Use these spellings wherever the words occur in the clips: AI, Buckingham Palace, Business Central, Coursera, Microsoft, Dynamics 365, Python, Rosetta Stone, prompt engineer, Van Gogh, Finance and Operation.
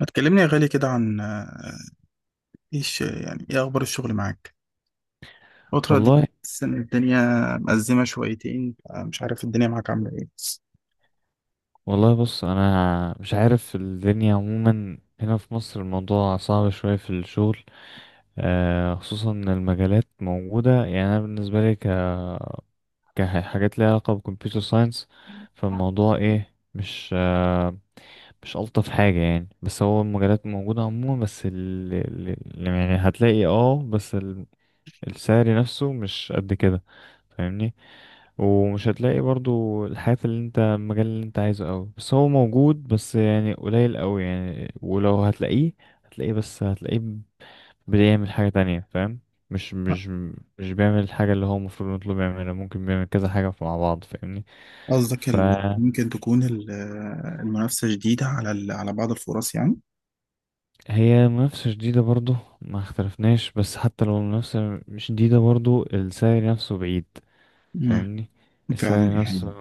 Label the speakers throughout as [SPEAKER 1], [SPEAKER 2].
[SPEAKER 1] ما تكلمني يا غالي كده عن ايش يعني ايه اخبار الشغل معاك الفترة دي.
[SPEAKER 2] والله
[SPEAKER 1] حاسس ان الدنيا مأزمة شويتين، مش عارف الدنيا معاك عاملة ايه.
[SPEAKER 2] والله. بص انا مش عارف الدنيا عموما هنا في مصر. الموضوع صعب شوية في الشغل، خصوصا ان المجالات موجودة. يعني انا بالنسبة لي كحاجات ليها علاقة بالكمبيوتر ساينس. فالموضوع ايه، مش الطف حاجة يعني. بس هو المجالات موجودة عموما. يعني هتلاقي، بس السعر نفسه مش قد كده. فاهمني؟ ومش هتلاقي برضو الحياة اللي انت المجال اللي انت عايزه قوي، بس هو موجود بس يعني قليل قوي. يعني ولو هتلاقيه هتلاقيه، بس هتلاقيه بيعمل حاجة تانية. فاهم؟ مش مش مش بيعمل الحاجة اللي هو المفروض نطلب يعملها، ممكن بيعمل كذا حاجة مع بعض. فاهمني؟
[SPEAKER 1] قصدك ال-
[SPEAKER 2] فهي
[SPEAKER 1] ممكن تكون ال- آه، المنافسة شديدة على على بعض الفرص يعني.
[SPEAKER 2] منافسة شديدة برضو، ما اختلفناش. بس حتى لو المنافسة مش شديدة، برضو السعر نفسه بعيد.
[SPEAKER 1] امم
[SPEAKER 2] فاهمني؟
[SPEAKER 1] فعلا دي
[SPEAKER 2] السعر نفسه.
[SPEAKER 1] حقيقة.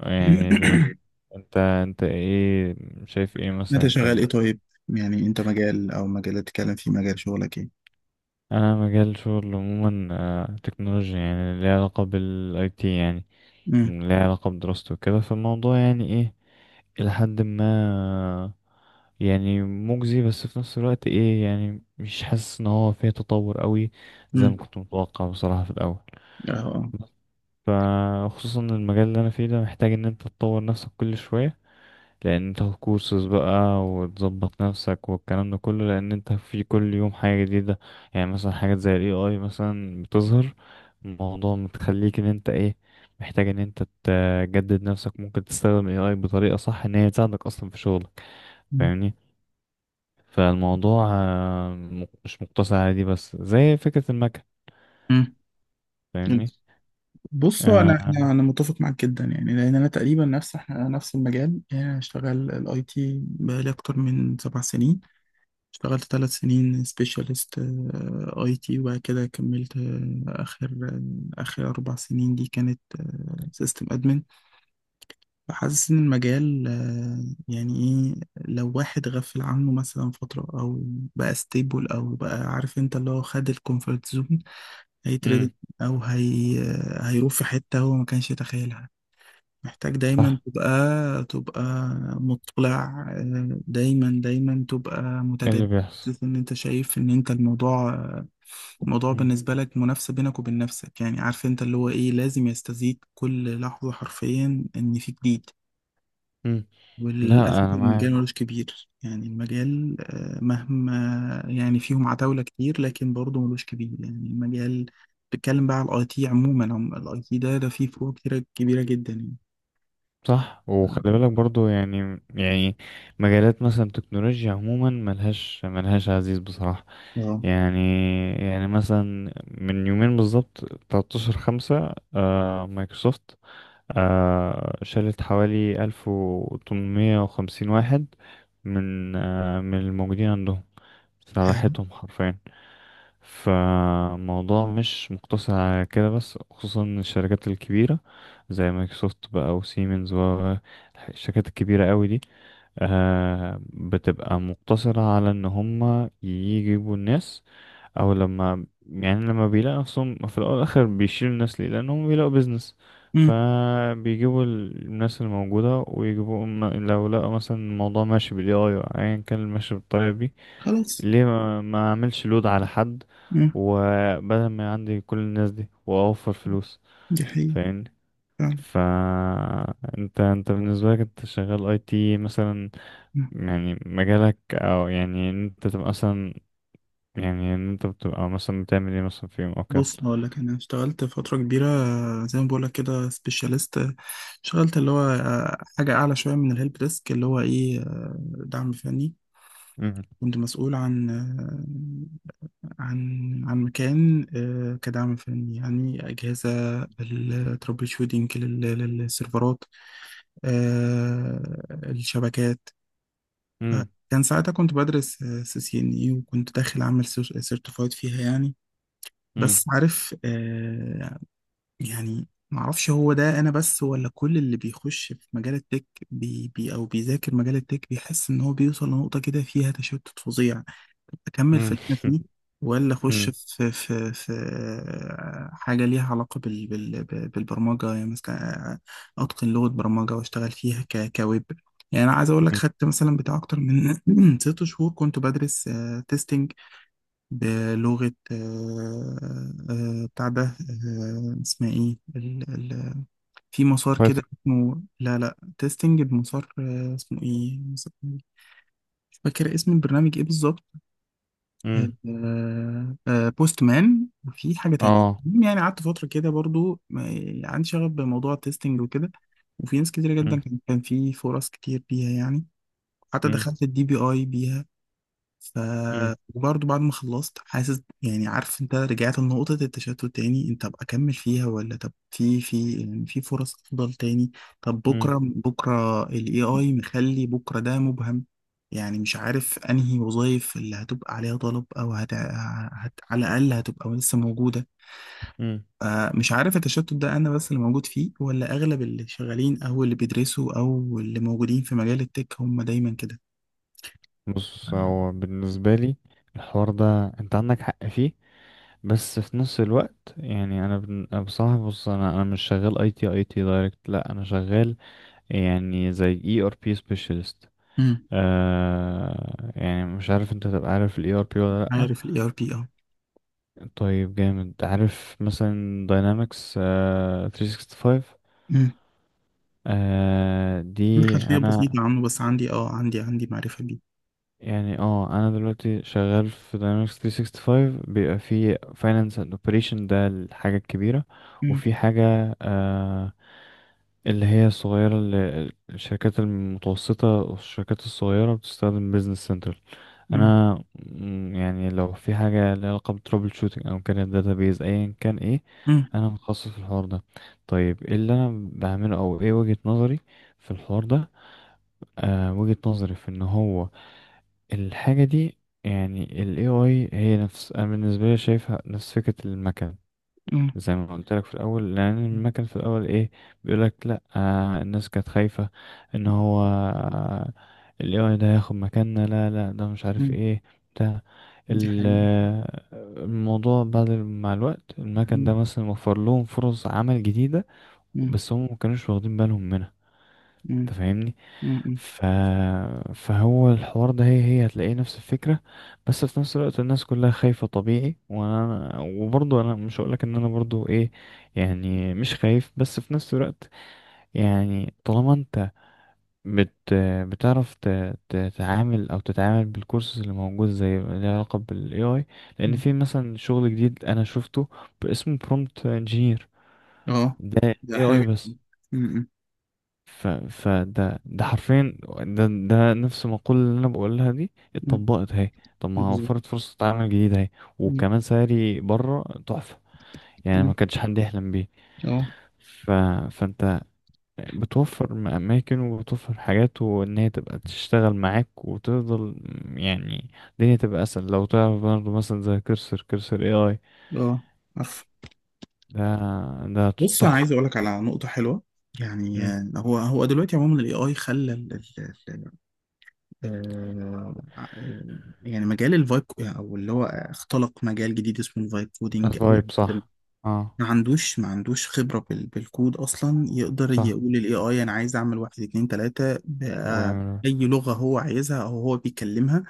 [SPEAKER 2] يعني بيت. انت ايه شايف ايه مثلا
[SPEAKER 1] انت
[SPEAKER 2] انت؟
[SPEAKER 1] شغال ايه طيب؟ يعني انت مجال او مجال تتكلم فيه، مجال شغلك ايه؟
[SPEAKER 2] انا مجال شغل عموما، تكنولوجيا يعني ليها علاقة بالاي تي. يعني
[SPEAKER 1] امم.
[SPEAKER 2] ليها علاقة بدراسته وكده. فالموضوع يعني ايه إلى حد ما يعني مجزي، بس في نفس الوقت ايه يعني مش حاسس ان هو فيه تطور قوي زي ما
[SPEAKER 1] امم.
[SPEAKER 2] كنت متوقع بصراحة في الاول.
[SPEAKER 1] اه. آه.
[SPEAKER 2] فخصوصا المجال اللي انا فيه ده محتاج ان انت تطور نفسك كل شوية، لان انت هتكورسز بقى وتظبط نفسك والكلام ده كله، لان انت في كل يوم حاجة جديدة. يعني مثلا حاجات زي الاي اي مثلا بتظهر. الموضوع متخليك ان انت ايه محتاج ان انت تجدد نفسك. ممكن تستخدم الاي اي بطريقة صح ان هي تساعدك اصلا في شغلك. فاهمني؟ فالموضوع مش مقتصر على دي بس زي فكرة المكن.
[SPEAKER 1] مم. مم.
[SPEAKER 2] فاهمني؟
[SPEAKER 1] بصوا، انا
[SPEAKER 2] آه،
[SPEAKER 1] انا انا متفق معاك جدا، يعني لان انا تقريبا نفس، احنا نفس المجال. يعني انا شغال الاي تي بقالي اكتر من 7 سنين. اشتغلت 3 سنين سبيشالست اي تي، وبعد كده كملت، اخر 4 سنين دي كانت سيستم ادمن. فحاسس ان المجال يعني ايه، لو واحد غفل عنه مثلا فتره، او بقى ستيبل، او بقى عارف انت اللي هو خد الكومفورت زون، هيتردد.
[SPEAKER 2] امم.
[SPEAKER 1] او هي، هيروح في حته هو ما كانش يتخيلها. محتاج دايما
[SPEAKER 2] صح.
[SPEAKER 1] تبقى، تبقى مطلع، دايما دايما تبقى
[SPEAKER 2] ايه اللي
[SPEAKER 1] متجدد.
[SPEAKER 2] بيحصل.
[SPEAKER 1] ان انت شايف ان انت الموضوع، الموضوع
[SPEAKER 2] امم.
[SPEAKER 1] بالنسبة لك منافسة بينك وبين نفسك. يعني عارف انت اللي هو ايه، لازم يستزيد كل لحظة حرفيا ان في جديد.
[SPEAKER 2] أمم. لا
[SPEAKER 1] وللأسف
[SPEAKER 2] انا
[SPEAKER 1] المجال
[SPEAKER 2] معاك.
[SPEAKER 1] ملوش كبير، يعني المجال مهما، يعني فيهم عتاولة كتير لكن برضه ملوش كبير يعني المجال. بتكلم بقى على الاي تي عموما، الاي تي ده فيه فروق كتيرة كبيرة جدا يعني.
[SPEAKER 2] صح. وخلي بالك برضو يعني مجالات مثلا تكنولوجيا عموما ملهاش عزيز بصراحة.
[SPEAKER 1] اه.
[SPEAKER 2] يعني يعني مثلا من يومين بالظبط 13 خمسة مايكروسوفت شالت حوالي 1850 واحد من الموجودين عندهم،
[SPEAKER 1] آه.
[SPEAKER 2] راحتهم حرفيا. فالموضوع مش مقتصر على كده بس، خصوصا الشركات الكبيرة زي مايكروسوفت بقى وسيمنز والشركات الكبيرة قوي دي، بتبقى مقتصرة على ان هم يجيبوا الناس، او لما لما بيلاقوا نفسهم في الاول والاخر بيشيلوا الناس ليه؟ لانهم بيلاقوا بيزنس.
[SPEAKER 1] مم.
[SPEAKER 2] فبيجيبوا الناس الموجودة ويجيبوا لو لقوا مثلا الموضوع ماشي بالاي اي، ايا كان ماشي بالطريقة دي،
[SPEAKER 1] خلاص.
[SPEAKER 2] ليه ما اعملش لود على حد
[SPEAKER 1] مم.
[SPEAKER 2] وبدل ما عندي كل الناس دي واوفر فلوس.
[SPEAKER 1] دي حقيقة.
[SPEAKER 2] فاهمني؟
[SPEAKER 1] فعلا.
[SPEAKER 2] ف انت بالنسبه لك انت شغال اي تي مثلا؟
[SPEAKER 1] مم.
[SPEAKER 2] يعني مجالك او يعني ان انت تبقى مثلا، يعني ان انت بتبقى مثلا بتعمل ايه مثلا في يوم او كده؟
[SPEAKER 1] بص أنا أقول لك، أنا اشتغلت فترة كبيرة، زي ما بقول لك كده سبيشاليست. اشتغلت اللي هو حاجة أعلى شوية من الهيلب ديسك، اللي هو إيه، دعم فني.
[SPEAKER 2] مم.
[SPEAKER 1] كنت مسؤول عن آه، عن مكان، كدعم فني، يعني أجهزة الترابل شوتنج للسيرفرات، آه، الشبكات.
[SPEAKER 2] مم.
[SPEAKER 1] كان ساعتها كنت بدرس سي سي ان اي، وكنت داخل اعمل سيرتيفايد فيها يعني.
[SPEAKER 2] مم.
[SPEAKER 1] بس عارف، يعني معرفش هو ده انا بس، ولا كل اللي بيخش في مجال التك، بي بي او بيذاكر مجال التك، بيحس ان هو بيوصل لنقطة كده فيها تشتت فظيع. اكمل في
[SPEAKER 2] مم.
[SPEAKER 1] اللي انا فيه، ولا اخش
[SPEAKER 2] مم.
[SPEAKER 1] في حاجه ليها علاقه بالبرمجه يعني. مثلا اتقن لغه برمجه واشتغل فيها كويب. يعني انا عايز اقول لك،
[SPEAKER 2] مم.
[SPEAKER 1] خدت مثلا بتاع اكتر من 6 شهور كنت بدرس تيستنج بلغه، آه، آه، بتاع ده آه، اسمها ايه في مسار كده
[SPEAKER 2] بايثون.
[SPEAKER 1] اسمه، لا لا تيستنج بمسار، اسمه ايه، مش فاكر اسم البرنامج ايه بالظبط.
[SPEAKER 2] مم.
[SPEAKER 1] بوست مان وفي حاجة تانية.
[SPEAKER 2] اه.
[SPEAKER 1] المهم يعني قعدت فترة كده برضو، يعني عندي شغف بموضوع التستنج وكده. وفي ناس كتير جدا
[SPEAKER 2] مم.
[SPEAKER 1] كان، في فرص كتير بيها يعني. حتى
[SPEAKER 2] مم.
[SPEAKER 1] دخلت الدي بي اي بيها. ف...
[SPEAKER 2] مم.
[SPEAKER 1] وبرضه بعد ما خلصت حاسس، يعني عارف انت، رجعت لنقطة التشتت تاني. انت ابقى اكمل فيها، ولا طب في في يعني في فرص افضل تاني. طب
[SPEAKER 2] مم.
[SPEAKER 1] بكرة، بكرة ال AI مخلي بكرة ده مبهم. يعني مش عارف انهي وظائف اللي هتبقى عليها طلب، او على الاقل هتبقى لسه موجودة.
[SPEAKER 2] مم.
[SPEAKER 1] مش عارف التشتت ده انا بس اللي موجود فيه، ولا اغلب اللي شغالين او اللي بيدرسوا او اللي موجودين في مجال التك هم دايما كده.
[SPEAKER 2] بص
[SPEAKER 1] آه.
[SPEAKER 2] هو بالنسبه لي الحوار ده انت عندك حق فيه. بس في نفس الوقت يعني أنا بصراحه، بص انا مش شغال اي تي اي تي دايركت، لا انا شغال يعني زي اي ار بي سبيشالست.
[SPEAKER 1] مم.
[SPEAKER 2] يعني مش عارف انت تبقى عارف الاي ار بي ولا لا؟
[SPEAKER 1] عارف الاي ار بي.
[SPEAKER 2] طيب جامد. عارف مثلا داينامكس 365؟
[SPEAKER 1] اه عندي
[SPEAKER 2] دي
[SPEAKER 1] خلفية
[SPEAKER 2] انا
[SPEAKER 1] بسيطة عنه، بس عندي اه عندي معرفة بيه.
[SPEAKER 2] يعني انا دلوقتي شغال في Dynamics 365، بيبقى في Finance and Operation، ده الحاجة الكبيرة.
[SPEAKER 1] مم.
[SPEAKER 2] وفي حاجة اللي هي الصغيرة، اللي الشركات المتوسطة والشركات الصغيرة بتستخدم Business Central.
[SPEAKER 1] مم.
[SPEAKER 2] انا يعني لو في حاجة ليها علاقة بترابل شوتنج او كانت database ايا كان ايه،
[SPEAKER 1] مم.
[SPEAKER 2] انا متخصص في الحوار ده. طيب ايه اللي انا بعمله او ايه وجهة نظري في الحوار ده؟ وجهة نظري في ان هو الحاجة دي، يعني ال AI هي نفس أنا بالنسبة لي شايفها نفس فكرة المكن.
[SPEAKER 1] مم.
[SPEAKER 2] زي ما قلت لك في الأول، لأن المكن في الأول إيه بيقولك لأ، الناس كانت خايفة إن هو ال AI ده هياخد مكاننا. لا لا ده مش عارف
[SPEAKER 1] مم.
[SPEAKER 2] إيه بتاع
[SPEAKER 1] دي
[SPEAKER 2] ال-
[SPEAKER 1] حقيقة.
[SPEAKER 2] آه، الموضوع. بعد مع الوقت المكن ده
[SPEAKER 1] مم.
[SPEAKER 2] مثلا وفر لهم فرص عمل جديدة،
[SPEAKER 1] مم.
[SPEAKER 2] بس هم مكانوش واخدين بالهم منها.
[SPEAKER 1] مم.
[SPEAKER 2] تفهمني؟
[SPEAKER 1] مم.
[SPEAKER 2] ف... فهو الحوار ده هي هتلاقيه نفس الفكرة. بس في نفس الوقت الناس كلها خايفة طبيعي. وانا وبرضه انا مش هقولك ان انا برضه ايه، يعني مش خايف. بس في نفس الوقت يعني طالما انت بت... بتعرف تتعامل او تتعامل بالكورسز اللي موجود زي اللي علاقة بالاي اي، لان
[SPEAKER 1] مم.
[SPEAKER 2] في مثلا شغل جديد انا شفته اسمه برومبت انجينير.
[SPEAKER 1] اه.
[SPEAKER 2] ده
[SPEAKER 1] ده
[SPEAKER 2] اي
[SPEAKER 1] حلو
[SPEAKER 2] اي
[SPEAKER 1] جدا.
[SPEAKER 2] بس.
[SPEAKER 1] مم.
[SPEAKER 2] فده حرفيا ده نفس المقولة اللي انا بقولها دي
[SPEAKER 1] مم.
[SPEAKER 2] اتطبقت اهي. طب ما
[SPEAKER 1] بالظبط.
[SPEAKER 2] وفرت فرصة عمل جديدة اهي،
[SPEAKER 1] مم.
[SPEAKER 2] وكمان سعري بره تحفة. يعني ما
[SPEAKER 1] مم.
[SPEAKER 2] كانش حد يحلم بيه.
[SPEAKER 1] اه.
[SPEAKER 2] ف... فانت بتوفر اماكن وبتوفر حاجات وان هي تبقى تشتغل معاك وتفضل. يعني الدنيا تبقى اسهل لو تعرف برضه مثلا زي كرسر كرسر اي اي.
[SPEAKER 1] اه. عارف.
[SPEAKER 2] ده ده
[SPEAKER 1] بص انا عايز
[SPEAKER 2] تحفة.
[SPEAKER 1] اقول لك على نقطة حلوة. يعني
[SPEAKER 2] امم.
[SPEAKER 1] هو دلوقتي عموما الاي اي خلى آه، آه، يعني مجال الفايب، او اللي هو اختلق مجال جديد اسمه الفايب كودينج.
[SPEAKER 2] طيب صح. اه.
[SPEAKER 1] ما عندوش خبرة بالكود أصلا، يقدر
[SPEAKER 2] صح.
[SPEAKER 1] يقول ال AI أنا عايز أعمل واحد اتنين تلاتة بأي
[SPEAKER 2] ويعمل.
[SPEAKER 1] لغة هو عايزها أو هو بيكلمها.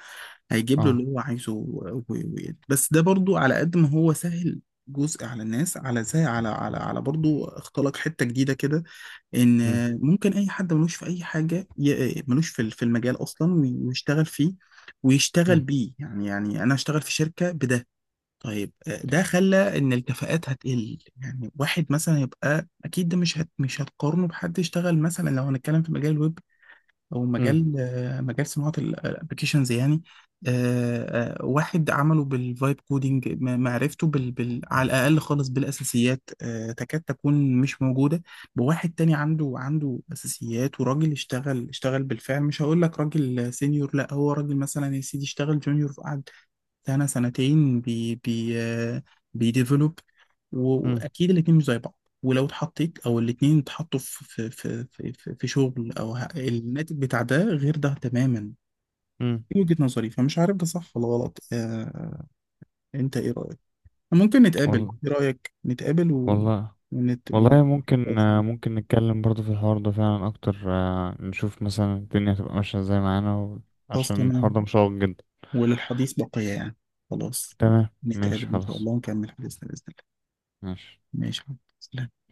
[SPEAKER 1] هيجيب له اللي
[SPEAKER 2] اه.
[SPEAKER 1] هو عايزه بس ده برضو على قد ما هو سهل، جزء على الناس، على زي على على على برضو اختلق حتة جديدة كده. ان ممكن اي حد ملوش في اي حاجه، ملوش في في المجال اصلا، ويشتغل فيه، ويشتغل بيه. يعني انا اشتغل في شركه بده. طيب، ده خلى ان الكفاءات هتقل. يعني واحد مثلا يبقى، اكيد ده مش مش هتقارنه بحد يشتغل. مثلا لو هنتكلم في مجال الويب، او
[SPEAKER 2] امم.
[SPEAKER 1] مجال، مجال صناعه الابلكيشنز يعني. واحد عمله بالفايب كودينج، معرفته على الاقل خالص بالاساسيات، تكاد تكون مش موجوده. بواحد تاني عنده، اساسيات وراجل اشتغل، بالفعل. مش هقول لك راجل سينيور، لا، هو راجل مثلا يا سيدي اشتغل جونيور بتاعنا سنتين بي بي آه، بيديفلوب.
[SPEAKER 2] مم.
[SPEAKER 1] واكيد الاتنين مش زي بعض. ولو اتحطيت، او الاتنين اتحطوا في شغل، او الناتج بتاع ده غير ده تماما.
[SPEAKER 2] مم.
[SPEAKER 1] دي وجهة نظري، فمش عارف ده صح ولا غلط. انت ايه رأيك؟ ممكن
[SPEAKER 2] وال...
[SPEAKER 1] نتقابل، ايه رأيك نتقابل
[SPEAKER 2] والله.
[SPEAKER 1] ونت... و...
[SPEAKER 2] والله ممكن، ممكن نتكلم برضه في الحوار ده فعلا أكتر، نشوف مثلا الدنيا هتبقى ماشية ازاي معانا
[SPEAKER 1] خلاص
[SPEAKER 2] عشان الحوار ده
[SPEAKER 1] تمام.
[SPEAKER 2] مشوق جدا.
[SPEAKER 1] وللحديث بقية يعني. خلاص.
[SPEAKER 2] تمام ماشي
[SPEAKER 1] نتقابل ان شاء
[SPEAKER 2] خلاص
[SPEAKER 1] الله ونكمل حديثنا بإذن الله.
[SPEAKER 2] ماشي
[SPEAKER 1] ماشي يا حبيبي. سلام.